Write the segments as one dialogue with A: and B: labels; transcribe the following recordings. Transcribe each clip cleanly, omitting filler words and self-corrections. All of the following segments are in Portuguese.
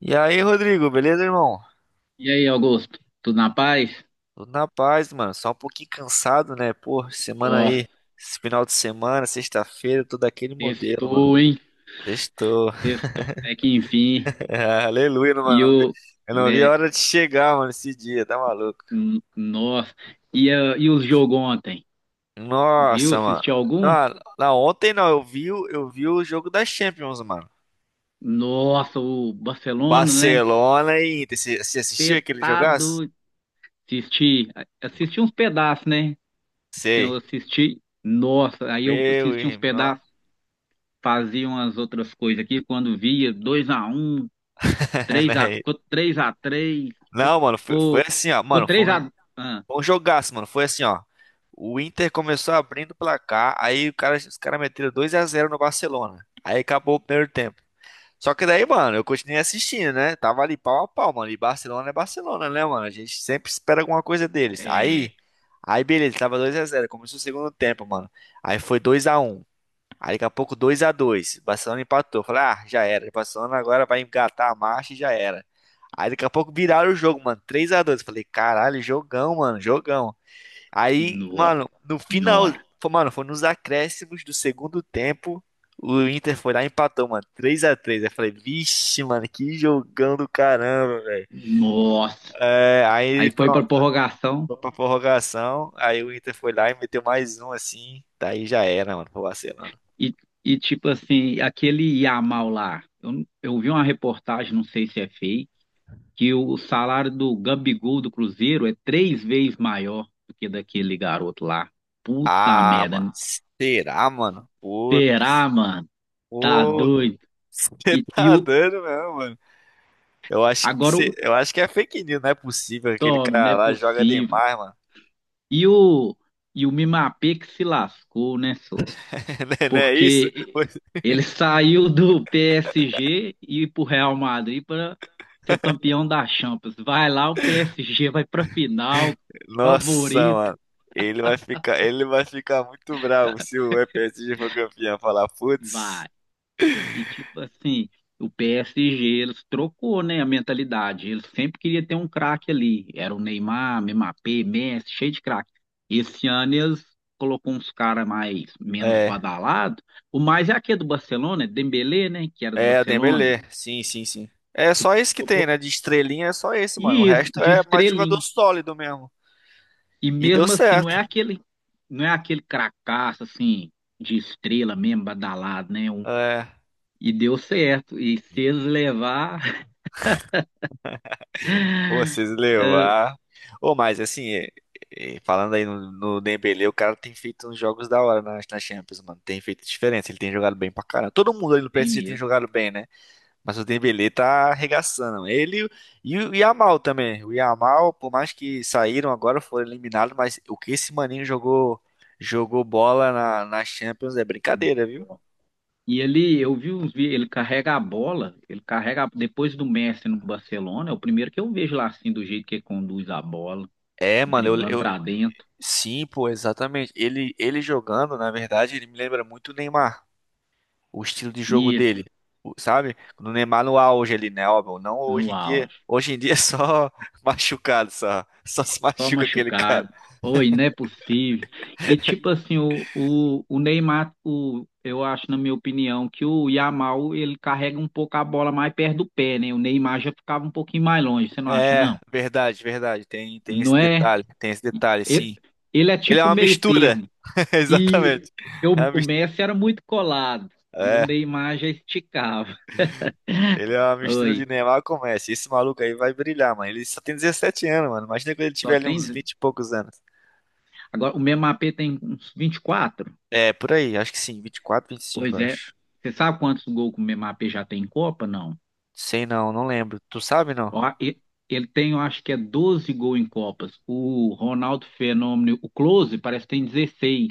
A: E aí, Rodrigo, beleza, irmão?
B: E aí, Augusto? Tudo na paz?
A: Tudo na paz, mano. Só um pouquinho cansado, né? Pô, semana
B: Ó,
A: aí, esse final de semana, sexta-feira, tô daquele modelo, mano.
B: testou, hein?
A: Sextou.
B: Testou até que enfim.
A: Aleluia,
B: E
A: mano.
B: o,
A: Eu não vi a
B: né,
A: hora de chegar, mano, esse dia, tá maluco?
B: n- Nossa. E os jogos ontem? Viu?
A: Nossa, mano.
B: Assistiu algum?
A: Não, não, ontem não, eu vi, eu vi o jogo das Champions, mano.
B: Nossa, o
A: O
B: Barcelona, né?
A: Barcelona e Inter. Você
B: Cê
A: assistiu aquele
B: tá
A: jogaço?
B: doido. Assisti, assisti uns pedaços, né? Eu
A: Sei.
B: assisti, nossa, aí eu
A: Meu
B: assisti uns
A: irmão.
B: pedaços, fazia umas outras coisas aqui, quando via 2-1, três a 3,
A: Né?
B: ficou três x 3,
A: Não, mano, foi
B: ficou,
A: assim, ó.
B: ficou
A: Mano,
B: 3x...
A: Foi um jogaço, mano. Foi assim, ó. O Inter começou abrindo o placar, aí o cara, os caras meteram 2 a 0 no Barcelona. Aí acabou o primeiro tempo. Só que daí, mano, eu continuei assistindo, né? Tava ali pau a pau, mano. E Barcelona é Barcelona, né, mano? A gente sempre espera alguma coisa deles.
B: É,
A: Aí, beleza, tava 2 a 0. Começou o segundo tempo, mano. Aí foi 2 a 1. Aí daqui a pouco 2 a 2. Barcelona empatou. Falei, ah, já era. Barcelona agora vai engatar a marcha e já era. Aí daqui a pouco viraram o jogo, mano. 3 a 2. Falei, caralho, jogão, mano, jogão. Aí,
B: nossa
A: mano, no final,
B: senhora.
A: mano, foi nos acréscimos do segundo tempo, o Inter foi lá e empatou, mano, 3 a 3. Aí eu falei, vixe, mano, que jogão do caramba, velho.
B: Nossa.
A: É, aí,
B: Aí foi pra
A: pronto,
B: prorrogação
A: foi pra prorrogação, aí o Inter foi lá e meteu mais um, assim, daí já era, mano, pro Barcelona.
B: e, e tipo assim, aquele Yamal lá. Eu vi uma reportagem, não sei se é fake, que o salário do Gabigol do Cruzeiro é três vezes maior do que daquele garoto lá. Puta
A: Ah, mano,
B: merda.
A: será, mano? Putz,
B: Será, mano? Tá
A: pô,
B: doido.
A: você
B: E, e
A: tá
B: o,
A: dando mesmo, mano. Eu acho que,
B: Agora
A: cê-
B: o
A: eu acho que é fake news, não é possível. Aquele
B: Tom, não
A: cara
B: é
A: lá joga
B: possível.
A: demais, mano.
B: E o, e o Mimapé que se lascou, né, senhor?
A: Não é isso?
B: Porque ele saiu do PSG e para o Real Madrid para ser campeão da Champions. Vai lá, o PSG vai para final,
A: Nossa,
B: favorito,
A: mano. Ele vai ficar muito bravo se o PSG for campeão. Falar, putz.
B: vai. E tipo assim, o PSG eles trocou, né, a mentalidade. Eles sempre queria ter um craque ali. Era o Neymar, Mbappé, Messi, cheio de craque. Esse ano eles colocou uns caras mais menos
A: É,
B: badalados. O mais é aquele do Barcelona, é Dembélé, né, que era do
A: é,
B: Barcelona.
A: Dembélé. Sim, sim, sim. É só esse que tem, né? De estrelinha é só esse, mano. O
B: E isso,
A: resto
B: de
A: é mais jogador
B: estrelinha.
A: sólido mesmo.
B: E
A: E deu
B: mesmo assim, não é
A: certo.
B: aquele, não é aquele cracaço assim, de estrela mesmo, badalado, né? Um-
A: É.
B: e deu certo. E se eles levar,
A: Pô, vocês levar. Ô, mas assim, é, falando aí no, Dembélé, o cara tem feito uns jogos da hora na Champions, mano. Tem feito diferença. Ele tem jogado bem pra caramba. Todo mundo aí no
B: tem
A: PSG tem
B: mesmo.
A: jogado bem, né? Mas o Dembélé tá arregaçando. Ele e o Yamal também. O Yamal, por mais que saíram agora, foram eliminados, mas o que esse maninho jogou na Champions é brincadeira, viu?
B: E ele, eu vi uns vídeos, ele carrega a bola, depois do Messi no Barcelona, é o primeiro que eu vejo lá assim, do jeito que ele conduz a bola,
A: É, mano,
B: driblando pra dentro.
A: sim, pô, exatamente. Ele jogando, na verdade, ele me lembra muito o Neymar, o estilo de jogo
B: Isso,
A: dele. Sabe? No Neymar no auge ali, né, óbvio, não
B: no
A: hoje em dia.
B: auge.
A: Hoje em dia é só machucado, só se
B: Só
A: machuca aquele
B: machucado.
A: cara.
B: Oi, não é possível. E tipo assim, o Neymar, eu acho, na minha opinião, que o Yamal ele carrega um pouco a bola mais perto do pé, né? O Neymar já ficava um pouquinho mais longe, você não acha,
A: É,
B: não?
A: verdade, verdade. Tem esse
B: Não é?
A: detalhe, tem esse detalhe,
B: Ele,
A: sim.
B: ele é
A: Ele é
B: tipo
A: uma
B: meio
A: mistura.
B: termo. E
A: Exatamente. É, uma
B: o
A: mis-
B: Messi era muito colado e o
A: é,
B: Neymar já esticava.
A: ele é uma mistura de
B: Oi,
A: Neymar com Messi. Esse maluco aí vai brilhar, mano. Ele só tem 17 anos, mano. Imagina quando ele
B: só
A: tiver ali
B: tem.
A: uns 20 e poucos anos.
B: Agora, o Memapê tem uns vinte e quatro.
A: É, por aí, acho que sim, 24, 25,
B: Pois
A: eu
B: é.
A: acho.
B: Você sabe quantos gols que o Memapê já tem em Copa? Não.
A: Sei não, não lembro. Tu sabe não?
B: Ó. Ele tem, eu acho que é 12 gols em Copas. O Ronaldo Fenômeno, o Close, parece que tem 16.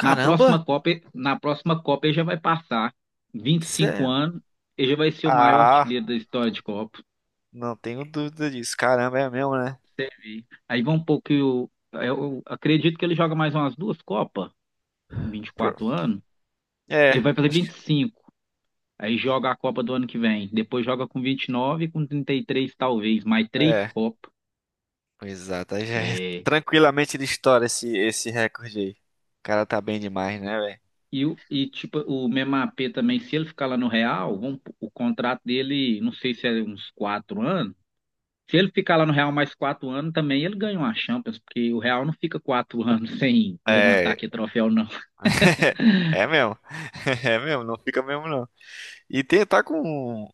B: Na próxima Copa, ele- na próxima Copa ele já vai passar 25
A: Sério?
B: anos, ele já vai ser o maior
A: Ah,
B: artilheiro da história de Copa.
A: não tenho dúvida disso. Caramba, é mesmo, né?
B: Você vê. Aí vão um pouco. Eu acredito que ele joga mais umas duas Copas, vinte e
A: Pro-
B: quatro anos.
A: É,
B: Ele vai fazer vinte e
A: acho.
B: cinco. Aí joga a Copa do ano que vem. Depois joga com 29, com 33 talvez, mais três
A: É.
B: Copas.
A: Exato. Aí já é tranquilamente ele estoura esse recorde aí. O cara tá bem demais, né, velho?
B: E tipo, o mesmo AP também, se ele ficar lá no Real, o contrato dele, não sei se é uns 4 anos. Se ele ficar lá no Real mais 4 anos, também ele ganha uma Champions, porque o Real não fica quatro anos sem levantar
A: É,
B: aqui troféu, não.
A: é mesmo. É mesmo, não fica mesmo não. E tem, tá com,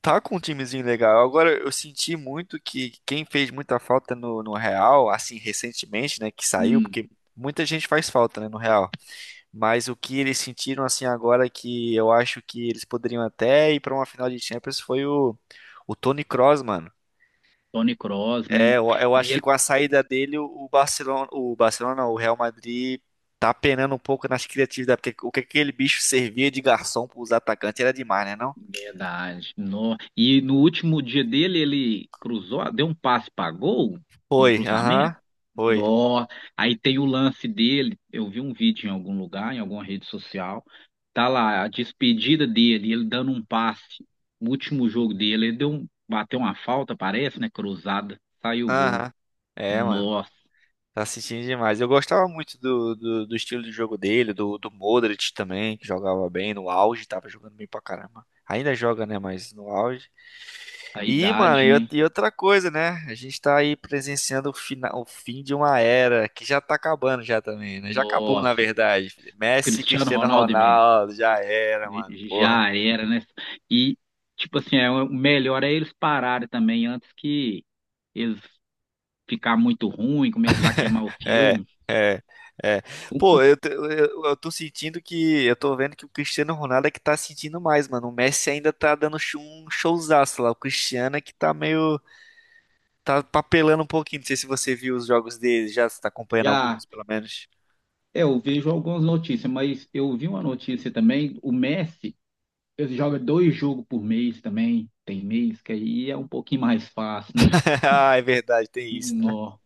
A: tá com um timezinho legal. Agora eu senti muito que quem fez muita falta no Real, assim, recentemente, né, que saiu,
B: Hum,
A: porque muita gente faz falta, né, no Real. Mas o que eles sentiram assim agora que eu acho que eles poderiam até ir pra uma final de Champions foi o Toni Kroos, mano.
B: Toni Kroos, né?
A: É, eu acho que
B: E
A: com a saída dele, o Barcelona, não, o Real Madrid tá penando um pouco nas criatividades, porque o que aquele bicho servia de garçom pros atacantes era demais, né, não?
B: Verdade. E no último dia dele, ele cruzou, deu um passe para gol, um
A: Foi,
B: cruzamento.
A: aham, foi,
B: No... Aí tem o lance dele. Eu vi um vídeo em algum lugar, em alguma rede social. Tá lá a despedida dele, ele dando um passe. No último jogo dele, ele bateu uma falta, parece, né? Cruzada, saiu o gol.
A: aham. É, mano,
B: Nossa,
A: tá sentindo demais. Eu gostava muito do estilo de jogo dele, do Modric também, que jogava bem no auge, tava jogando bem pra caramba. Ainda joga, né, mas no auge.
B: a
A: E, mano,
B: idade, né?
A: e outra coisa, né? A gente tá aí presenciando o final, o fim de uma era que já tá acabando já também, né? Já acabou, na
B: Nossa,
A: verdade. Messi,
B: Cristiano
A: Cristiano
B: Ronaldo mesmo.
A: Ronaldo, já era, mano. Porra.
B: Já era, né? E, tipo assim, é, o melhor é eles pararem também antes que eles ficar muito ruim, começar a queimar o
A: É,
B: filme.
A: é, é.
B: O-
A: Pô,
B: o-
A: eu tô sentindo que. Eu tô vendo que o Cristiano Ronaldo é que tá sentindo mais, mano. O Messi ainda tá dando um showzaço lá. O Cristiano é que tá meio. Tá papelando um pouquinho. Não sei se você viu os jogos dele já, se tá acompanhando
B: Já,
A: alguns, pelo menos.
B: é, eu vejo algumas notícias, mas eu vi uma notícia também, o Messi, ele joga dois jogos por mês também, tem mês que aí é um pouquinho mais fácil, né?
A: Ah, é verdade, tem isso, né?
B: Nó,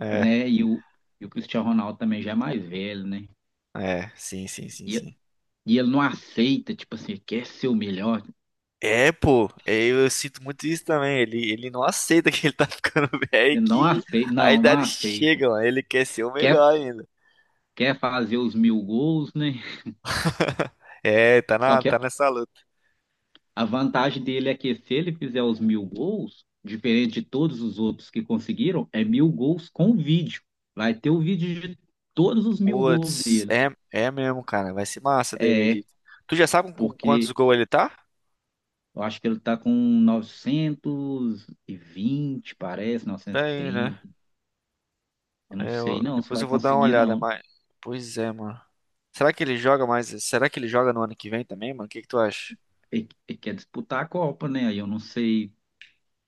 A: É.
B: né? E o Cristiano Ronaldo também já é mais velho, né?
A: É, sim, sim, sim,
B: E,
A: sim.
B: e ele não aceita, tipo assim, quer ser o melhor,
A: É, pô, é, eu sinto muito isso também. Ele não aceita que ele tá ficando velho e
B: ele não
A: que
B: aceita,
A: a
B: não, não
A: idade
B: aceita.
A: chega, mano. Ele quer ser o
B: quer,
A: melhor ainda.
B: quer fazer os 1.000 gols, né?
A: É,
B: Só
A: tá
B: que
A: nessa luta.
B: a vantagem dele é que se ele fizer os 1.000 gols, diferente de todos os outros que conseguiram, é mil gols com vídeo. Vai ter o vídeo de todos os 1.000 gols
A: Putz,
B: dele.
A: é, é mesmo, cara. Vai ser massa daí o
B: É,
A: Edito. Tu já sabe com quantos
B: porque
A: gols ele tá?
B: eu acho que ele tá com 920 parece, novecentos e
A: Peraí, né?
B: trinta Eu não
A: É,
B: sei não se
A: depois
B: vai
A: eu vou dar uma
B: conseguir,
A: olhada,
B: não.
A: mas. Pois é, mano. Será que ele joga mais? Será que ele joga no ano que vem também, mano? O que que tu acha?
B: Ele quer disputar a Copa, né? Aí eu não sei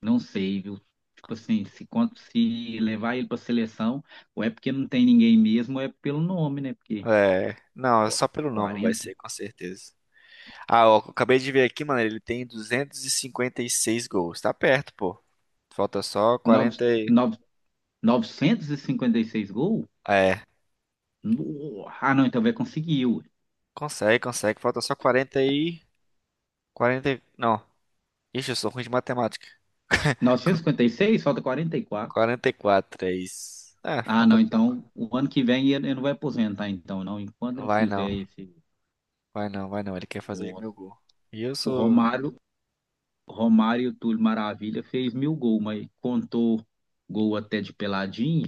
B: Não sei, viu? Tipo assim, se levar ele para seleção, ou é porque não tem ninguém mesmo, ou é pelo nome, né? Porque
A: É, não, é
B: qu-
A: só pelo nome vai
B: 40,
A: ser, com certeza. Ah, ó, acabei de ver aqui, mano, ele tem duzentos e cinquenta e seis gols. Tá perto, pô. Falta só
B: nove
A: quarenta e—
B: nove 956 gols?
A: É,
B: Ah, não, então vai conseguir. Ué.
A: consegue, consegue. Falta só 40 e— 40. E— não. Ixi, eu sou ruim de matemática. Qu-
B: 956, falta 44.
A: 44, é isso. É,
B: Ah,
A: falta
B: não,
A: pouco.
B: então o ano que vem ele não vai aposentar, então, não. Enquanto não
A: Vai
B: fizer
A: não,
B: esse.
A: vai não, vai não. Ele quer fazer os
B: Nossa.
A: mil gols. E eu
B: O
A: sou—
B: Romário, o Romário e o Túlio Maravilha fez 1.000 gols, mas contou gol até de peladinha,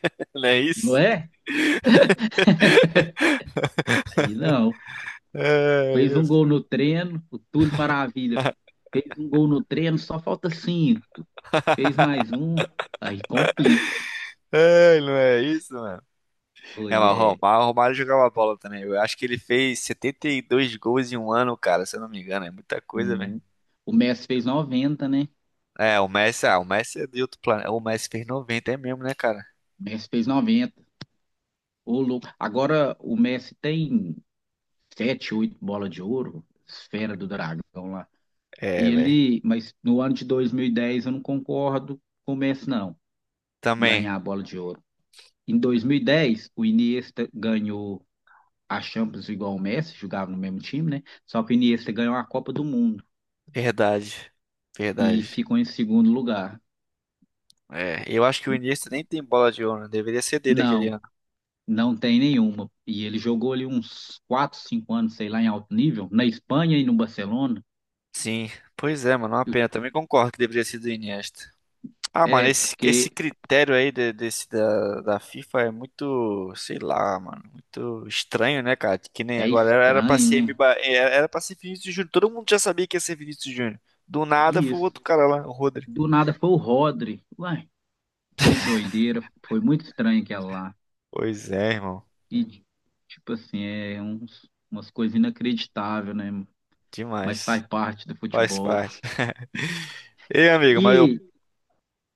A: Não é
B: não
A: isso?
B: é? Aí não.
A: É,
B: Fez
A: eu—
B: um gol no treino, o Túlio Maravilha. Fez um gol no treino, só falta cinco. Fez mais um, aí complica.
A: é, não é isso, mano. É,
B: Foi,
A: mas o
B: é,
A: Romário, o Romário jogava bola também. Eu acho que ele fez 72 gols em um ano, cara, se eu não me engano. É muita coisa, velho.
B: não- O Messi fez 90, né?
A: É, o Messi, ah, o Messi é de outro planeta. O Messi fez 90, é mesmo, né, cara?
B: O Messi fez noventa. Ô, louco. Agora o Messi tem sete, oito bolas de ouro, esfera do dragão lá.
A: É, velho.
B: Mas no ano de 2010 eu não concordo com o Messi, não,
A: Também,
B: ganhar a bola de ouro. Em 2010 o Iniesta ganhou a Champions igual o Messi, jogava no mesmo time, né? Só que o Iniesta ganhou a Copa do Mundo
A: verdade.
B: e
A: Verdade.
B: ficou em segundo lugar.
A: É, eu acho que o Iniesta nem tem bola de ouro, né? Deveria ser dele aquele
B: Não,
A: ano.
B: não tem nenhuma. E ele jogou ali uns 4, 5 anos, sei lá, em alto nível, na Espanha e no Barcelona.
A: Sim, pois é, mano, é uma
B: Eu-
A: pena. Também concordo que deveria ser do Iniesta. Ah, mano,
B: É
A: esse
B: porque
A: critério aí desse da FIFA é muito, sei lá, mano, muito estranho, né, cara? Que nem
B: é
A: agora era, era pra
B: estranho,
A: ser
B: né?
A: Mba, era, era pra ser Vinícius Júnior. Todo mundo já sabia que ia ser Vinícius Júnior. Do nada
B: E
A: foi o
B: isso.
A: outro cara lá, o Rodri.
B: Do nada foi o Rodri. Uai, que doideira. Foi muito estranho aquela lá.
A: Pois é, irmão.
B: E, tipo assim, é uns, umas coisas inacreditáveis, né? Mas
A: Demais.
B: faz parte do
A: Faz
B: futebol.
A: parte. Ei, amigo, mas eu.
B: E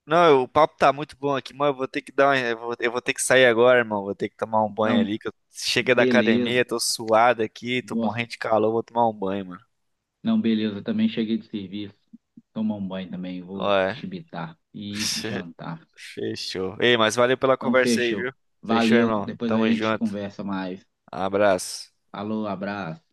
A: Não, o papo tá muito bom aqui, mas eu vou ter que dar uma— eu vou ter que sair agora, irmão. Vou ter que tomar um banho
B: ah,
A: ali, que eu cheguei da academia,
B: Beleza.
A: tô suado aqui, tô
B: Nossa,
A: morrendo de calor, vou tomar um banho, mano.
B: não, beleza. Também cheguei de serviço. Tomar um banho também. Vou
A: Ué.
B: chibitar e jantar.
A: Fechou. Ei, mas valeu pela
B: Então,
A: conversa aí,
B: fechou.
A: viu? Fechou,
B: Valeu.
A: irmão.
B: Depois a
A: Tamo
B: gente
A: junto.
B: conversa mais.
A: Abraço.
B: Falou, abraço.